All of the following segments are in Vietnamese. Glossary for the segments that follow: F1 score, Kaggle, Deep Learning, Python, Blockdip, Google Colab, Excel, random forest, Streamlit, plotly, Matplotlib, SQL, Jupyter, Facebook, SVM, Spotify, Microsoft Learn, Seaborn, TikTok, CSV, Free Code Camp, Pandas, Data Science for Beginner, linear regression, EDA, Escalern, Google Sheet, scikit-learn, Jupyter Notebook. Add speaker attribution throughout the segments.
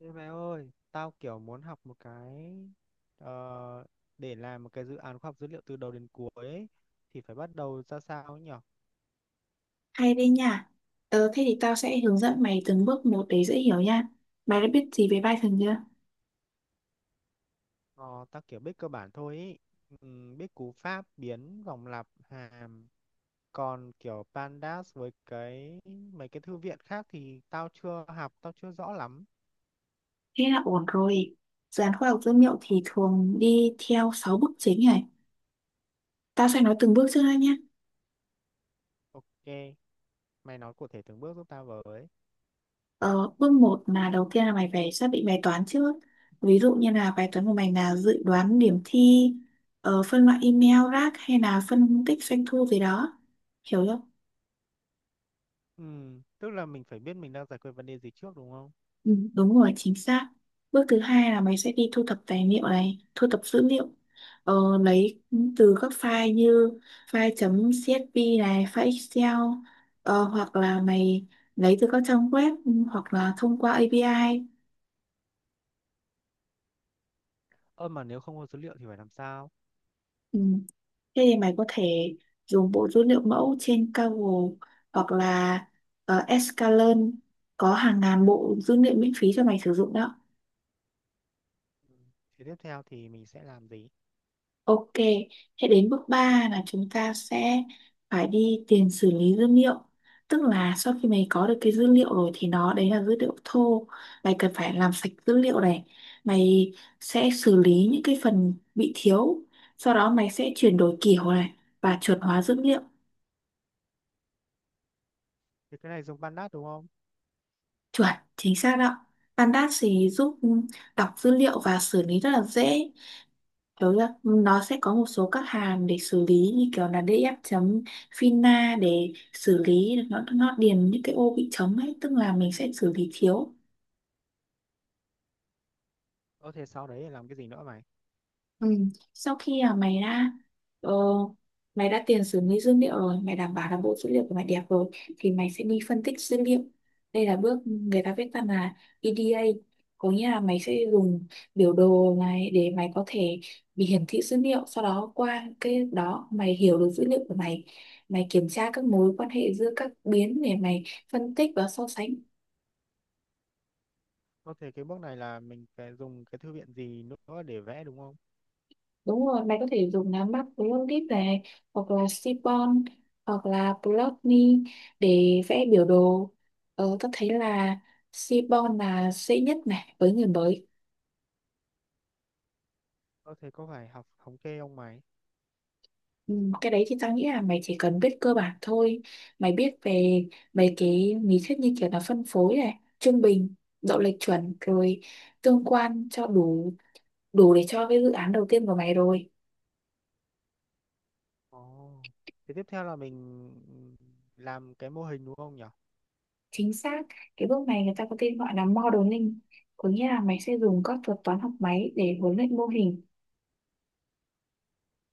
Speaker 1: Ê mày ơi, tao kiểu muốn học một cái ờ, để làm một cái dự án khoa học dữ liệu từ đầu đến cuối ấy, thì phải bắt đầu ra sao ấy nhỉ?
Speaker 2: Hay đấy nha. Thế thì tao sẽ hướng dẫn mày từng bước một để dễ hiểu nha. Mày đã biết gì về Python chưa?
Speaker 1: Ờ, tao kiểu biết cơ bản thôi ấy. Biết cú pháp, biến, vòng lặp, hàm. Còn kiểu pandas với mấy cái thư viện khác thì tao chưa học, tao chưa rõ lắm.
Speaker 2: Thế là ổn rồi. Dự án khoa học dữ liệu thì thường đi theo 6 bước chính này. Tao sẽ nói từng bước trước đây nhé.
Speaker 1: Ok, mày nói cụ thể từng bước giúp tao với.
Speaker 2: Ờ, bước một là đầu tiên là mày phải xác định bài toán trước. Ví dụ như là bài toán của mày là dự đoán điểm thi, phân loại email, rác hay là phân tích doanh thu gì đó. Hiểu chưa?
Speaker 1: Tức là mình phải biết mình đang giải quyết vấn đề gì trước đúng không?
Speaker 2: Ừ, đúng rồi, chính xác. Bước thứ hai là mày sẽ đi thu thập tài liệu này, thu thập dữ liệu. Ờ, lấy từ các file như file .csv này, file Excel, hoặc là mày lấy từ các trang web hoặc là thông qua API.
Speaker 1: Ơ mà nếu không có dữ liệu thì phải làm sao?
Speaker 2: Ừ. Thế thì mày có thể dùng bộ dữ liệu mẫu trên Kaggle hoặc là Escalern có hàng ngàn bộ dữ liệu miễn phí cho mày sử dụng đó.
Speaker 1: Thế tiếp theo thì mình sẽ làm gì?
Speaker 2: Ok, thế đến bước 3 là chúng ta sẽ phải đi tiền xử lý dữ liệu. Tức là sau khi mày có được cái dữ liệu rồi thì nó đấy là dữ liệu thô. Mày cần phải làm sạch dữ liệu này. Mày sẽ xử lý những cái phần bị thiếu. Sau đó mày sẽ chuyển đổi kiểu này và chuẩn hóa dữ liệu.
Speaker 1: Thì cái này dùng Pandas đúng không?
Speaker 2: Chuẩn, chính xác đó. Pandas thì giúp đọc dữ liệu và xử lý rất là dễ. Kiểu là nó sẽ có một số các hàm để xử lý như kiểu là df chấm fina để xử lý nó điền những cái ô bị trống ấy, tức là mình sẽ xử lý thiếu.
Speaker 1: Có thể sau đấy là làm cái gì nữa mày?
Speaker 2: Ừ. Sau khi ờ, mày đã tiền xử lý dữ liệu rồi, mày đảm bảo là bộ dữ liệu của mày đẹp rồi thì mày sẽ đi phân tích dữ liệu. Đây là bước người ta viết tắt là EDA, có nghĩa là mày sẽ dùng biểu đồ này để mày có thể bị hiển thị dữ liệu, sau đó qua cái đó mày hiểu được dữ liệu của mày, mày kiểm tra các mối quan hệ giữa các biến để mày phân tích và so sánh.
Speaker 1: Có thể cái bước này là mình phải dùng cái thư viện gì nữa để vẽ đúng không?
Speaker 2: Đúng rồi, mày có thể dùng lá mắt Blockdip này hoặc là Seaborn hoặc là plotly để vẽ biểu đồ. Tao thấy là Seaborn là dễ nhất này với người mới.
Speaker 1: Có thể có phải học thống kê không mày?
Speaker 2: Ừ, cái đấy thì tao nghĩ là mày chỉ cần biết cơ bản thôi. Mày biết về mấy cái lý thuyết như kiểu là phân phối này, trung bình, độ lệch chuẩn rồi tương quan cho đủ đủ để cho cái dự án đầu tiên của mày rồi.
Speaker 1: Ồ, thì tiếp theo là mình làm cái mô hình đúng không nhỉ?
Speaker 2: Chính xác, cái bước này người ta có tên gọi là modeling, có nghĩa là mày sẽ dùng các thuật toán học máy để huấn luyện mô hình.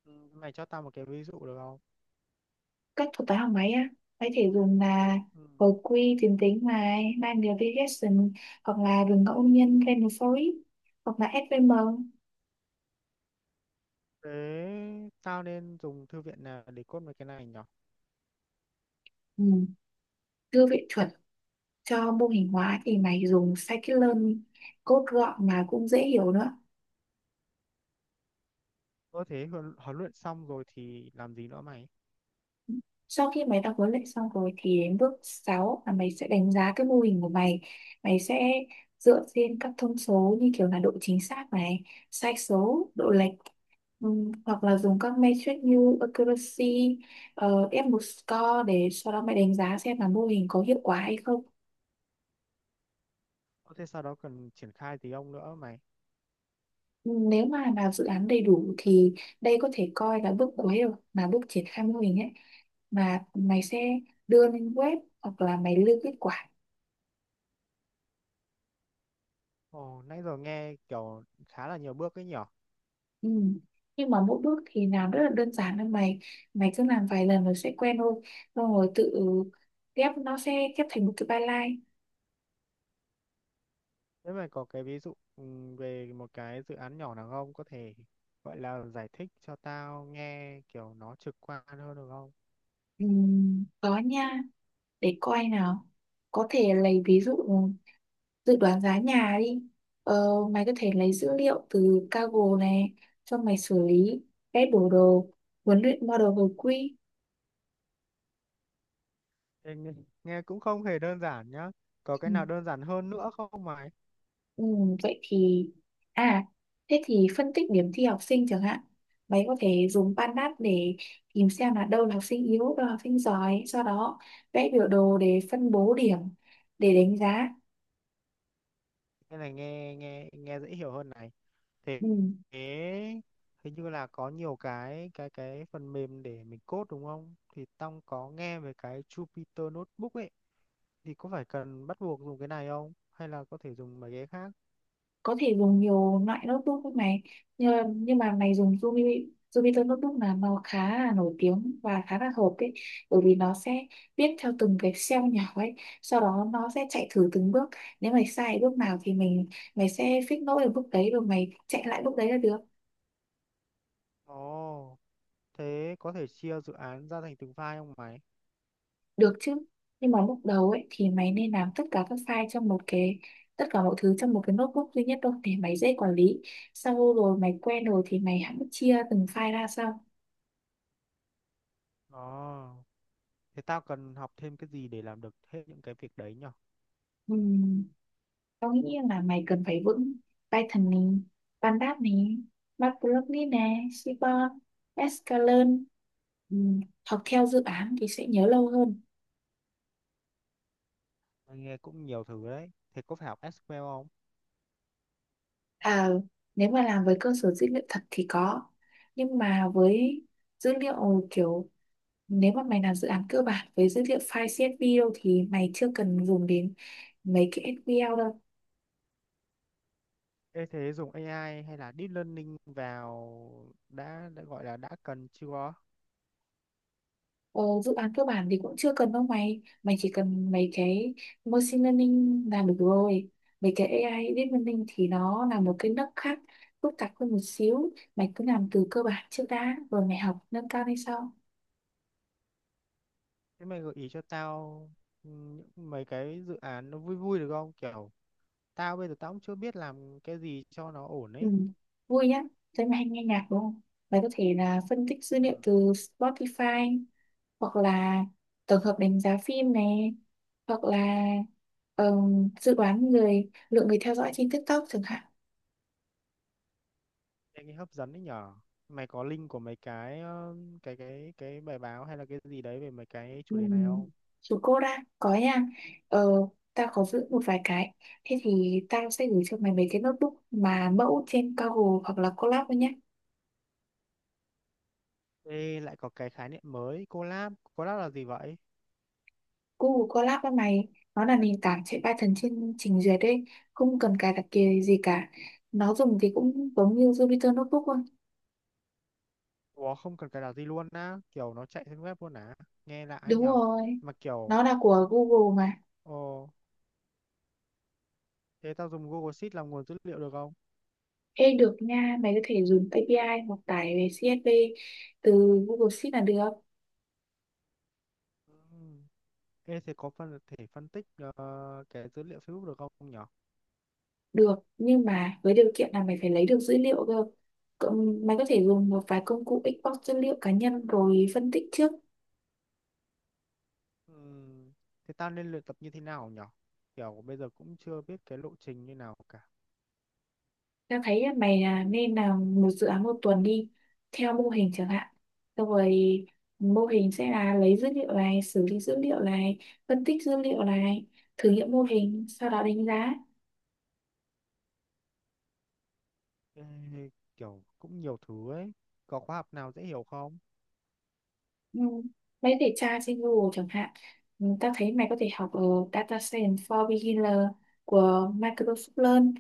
Speaker 1: Ừ, mày cho tao một cái ví dụ được không?
Speaker 2: Các thuật toán học máy á mày có thể dùng là
Speaker 1: Ừ.
Speaker 2: hồi quy tuyến tính này linear regression, hoặc là đường ngẫu nhiên random forest, hoặc là SVM.
Speaker 1: Thế tao nên dùng thư viện nào để code mấy cái này nhỉ?
Speaker 2: Ừ, đưa viện chuẩn cho mô hình hóa thì mày dùng scikit-learn, code gọn mà cũng dễ hiểu nữa.
Speaker 1: Có thể huấn huấn luyện xong rồi thì làm gì nữa mày?
Speaker 2: Sau khi mày đã huấn luyện xong rồi thì đến bước 6 là mày sẽ đánh giá cái mô hình của mày. Mày sẽ dựa trên các thông số như kiểu là độ chính xác này, sai số, độ lệch, hoặc là dùng các metric như accuracy, F1 score để sau đó mày đánh giá xem là mô hình có hiệu quả hay không.
Speaker 1: Có thể sau đó cần triển khai gì không nữa mày?
Speaker 2: Nếu mà làm dự án đầy đủ thì đây có thể coi là bước cuối rồi, là bước triển khai mô hình ấy, mà mày sẽ đưa lên web hoặc là mày lưu kết quả.
Speaker 1: Ồ, nãy giờ nghe kiểu khá là nhiều bước ấy nhở.
Speaker 2: Ừ. Nhưng mà mỗi bước thì làm rất là đơn giản thôi mày, mày cứ làm vài lần rồi sẽ quen thôi, xong rồi tự ghép, nó sẽ ghép thành một cái byline.
Speaker 1: Thế mà có cái ví dụ về một cái dự án nhỏ nào không? Có thể gọi là giải thích cho tao nghe kiểu nó trực quan hơn được không?
Speaker 2: Ừ, có nha, để coi nào, có thể lấy ví dụ dự đoán giá nhà đi. ờ, mày có thể lấy dữ liệu từ Kaggle này cho mày xử lý, vẽ biểu đồ, huấn luyện model hồi quy.
Speaker 1: Ê, nghe cũng không hề đơn giản nhá. Có
Speaker 2: Ừ.
Speaker 1: cái nào đơn giản hơn nữa không mày?
Speaker 2: Ừ, vậy thì à thế thì phân tích điểm thi học sinh chẳng hạn, mấy có thể dùng PanDat để tìm xem là đâu là học sinh yếu đâu là học sinh giỏi, sau đó vẽ biểu đồ để phân bố điểm để đánh giá.
Speaker 1: Cái này nghe nghe nghe dễ hiểu hơn này. Thế
Speaker 2: Ừ.
Speaker 1: thế hình như là có nhiều cái phần mềm để mình code đúng không? Thì tao có nghe về cái Jupyter Notebook ấy. Thì có phải cần bắt buộc dùng cái này không? Hay là có thể dùng mấy cái khác?
Speaker 2: Có thể dùng nhiều loại notebook với này, nhưng mà mày dùng Jupyter notebook là nó khá là nổi tiếng và khá là hợp ấy, bởi vì nó sẽ viết theo từng cái cell nhỏ ấy, sau đó nó sẽ chạy thử từng bước. Nếu mày sai bước nào thì mày sẽ fix lỗi ở bước đấy rồi mày chạy lại bước đấy là được.
Speaker 1: Ồ, thế có thể chia dự án ra thành từng file không mày?
Speaker 2: Được chứ, nhưng mà lúc đầu ấy thì mày nên làm tất cả các file trong một cái, tất cả mọi thứ trong một cái notebook duy nhất thôi để mày dễ quản lý, sau rồi mày quen rồi thì mày hãy chia từng file ra sau.
Speaker 1: Ồ, thế tao cần học thêm cái gì để làm được hết những cái việc đấy nhở?
Speaker 2: Ừ. Tao nghĩ là mày cần phải vững Python này, Pandas này, Matplotlib này, Seaborn, Scikit-learn. Ừ, học theo dự án thì sẽ nhớ lâu hơn.
Speaker 1: Mày nghe cũng nhiều thứ đấy. Thế có phải học SQL không?
Speaker 2: À, nếu mà làm với cơ sở dữ liệu thật thì có. Nhưng mà với dữ liệu kiểu, nếu mà mày làm dự án cơ bản với dữ liệu file CSV đâu thì mày chưa cần dùng đến mấy cái SQL đâu.
Speaker 1: Ê, thế dùng AI hay là Deep Learning vào đã gọi là đã cần chưa?
Speaker 2: Ờ, dự án cơ bản thì cũng chưa cần đâu mày mày chỉ cần mấy cái machine learning là được rồi. Mấy cái AI deep learning thì nó là một cái nấc khác, phức tạp hơn một xíu, mày cứ làm từ cơ bản trước đã rồi mày học nâng cao lên sau.
Speaker 1: Thế mày gợi ý cho tao ừ, những mấy cái dự án nó vui vui được không? Kiểu bây giờ tao cũng chưa biết làm cái gì cho nó ổn
Speaker 2: Ừ.
Speaker 1: ấy.
Speaker 2: Vui nhá, thấy mày hay nghe nhạc đúng không, mày có thể là phân tích dữ liệu
Speaker 1: Ừ.
Speaker 2: từ Spotify, hoặc là tổng hợp đánh giá phim này, hoặc là dự đoán người lượng người theo dõi trên TikTok chẳng hạn.
Speaker 1: Anh ấy hấp dẫn đấy nhở. Mày có link của mấy cái cái bài báo hay là cái gì đấy về mấy cái
Speaker 2: Ừ.
Speaker 1: chủ đề này không?
Speaker 2: Chú cô đã có nha, ờ tao có giữ một vài cái, thế thì tao sẽ gửi cho mày mấy cái notebook mà mẫu trên Google hoặc là Colab thôi nhé.
Speaker 1: Ê, lại có cái khái niệm mới, collab. Collab là gì vậy?
Speaker 2: Google Colab với mày, nó là nền tảng chạy Python trên trình duyệt đấy, không cần cài đặt kia gì cả. Nó dùng thì cũng giống như Jupyter Notebook thôi,
Speaker 1: Ủa, không cần cài đặt gì luôn á. Kiểu nó chạy trên web luôn á. Nghe lạ ấy
Speaker 2: đúng
Speaker 1: nhở.
Speaker 2: rồi,
Speaker 1: Mà kiểu,
Speaker 2: nó là của Google mà.
Speaker 1: ồ, thế tao dùng Google Sheet làm nguồn dữ liệu được không?
Speaker 2: Ê được nha, mày có thể dùng API hoặc tải về CSV từ Google Sheet là được.
Speaker 1: Ừ. Ê, thế có thể phân tích cái dữ liệu Facebook được không nhở?
Speaker 2: Được, nhưng mà với điều kiện là mày phải lấy được dữ liệu cơ. Mày có thể dùng một vài công cụ export dữ liệu cá nhân rồi phân tích trước.
Speaker 1: Ừ. Thế tao nên luyện tập như thế nào nhở? Kiểu bây giờ cũng chưa biết cái lộ trình như nào cả.
Speaker 2: Tao thấy là mày là nên làm một dự án một tuần đi, theo mô hình chẳng hạn. Xong rồi mô hình sẽ là lấy dữ liệu này, xử lý dữ liệu này, phân tích dữ liệu này, thử nghiệm mô hình, sau đó đánh giá.
Speaker 1: Ê, kiểu cũng nhiều thứ ấy, có khóa học nào dễ hiểu không?
Speaker 2: Ừ. Mấy để tra trên Google chẳng hạn, ta thấy mày có thể học ở Data Science for Beginner của Microsoft Learn,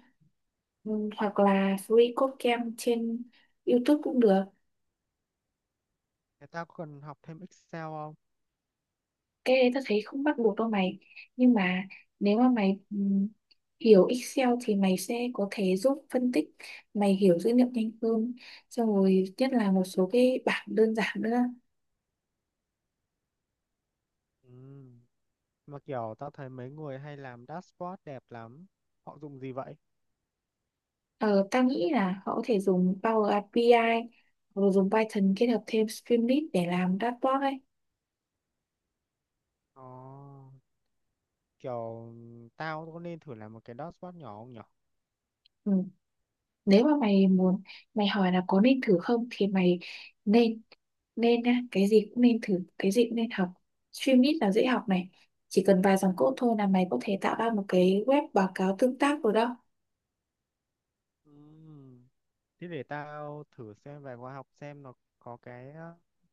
Speaker 2: hoặc là Free Code Camp trên YouTube cũng được.
Speaker 1: Người ta có cần học thêm Excel không?
Speaker 2: Cái đấy ta thấy không bắt buộc đâu mày, nhưng mà nếu mà mày hiểu Excel thì mày sẽ có thể giúp phân tích, mày hiểu dữ liệu nhanh hơn, xong rồi nhất là một số cái bảng đơn giản nữa.
Speaker 1: Ừ, mà kiểu tao thấy mấy người hay làm dashboard đẹp lắm, họ dùng gì vậy?
Speaker 2: Ờ, ta nghĩ là họ có thể dùng Power API hoặc là dùng Python kết hợp thêm Streamlit để làm dashboard ấy.
Speaker 1: Ồ, kiểu tao có nên thử làm một cái dashboard nhỏ không nhở?
Speaker 2: Ừ. Nếu mà mày muốn, mày hỏi là có nên thử không thì mày nên, nên á, cái gì cũng nên thử, cái gì cũng nên học. Streamlit là dễ học này, chỉ cần vài dòng code thôi là mày có thể tạo ra một cái web báo cáo tương tác rồi đó.
Speaker 1: Ừ, thế để tao thử xem vài khóa học xem nó có cái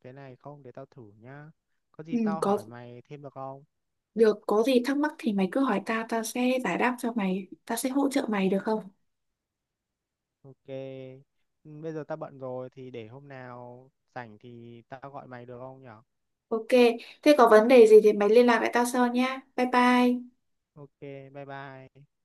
Speaker 1: cái này không, để tao thử nhá, có
Speaker 2: Ừ,
Speaker 1: gì tao
Speaker 2: có
Speaker 1: hỏi mày thêm được không?
Speaker 2: được, có gì thắc mắc thì mày cứ hỏi tao, tao sẽ giải đáp cho mày, tao sẽ hỗ trợ mày được không?
Speaker 1: Ok. Ừ, bây giờ tao bận rồi thì để hôm nào rảnh thì tao gọi mày được không nhở?
Speaker 2: Ok, thế có vấn đề gì thì mày liên lạc lại tao sau nhá. Bye bye.
Speaker 1: Ok, bye bye.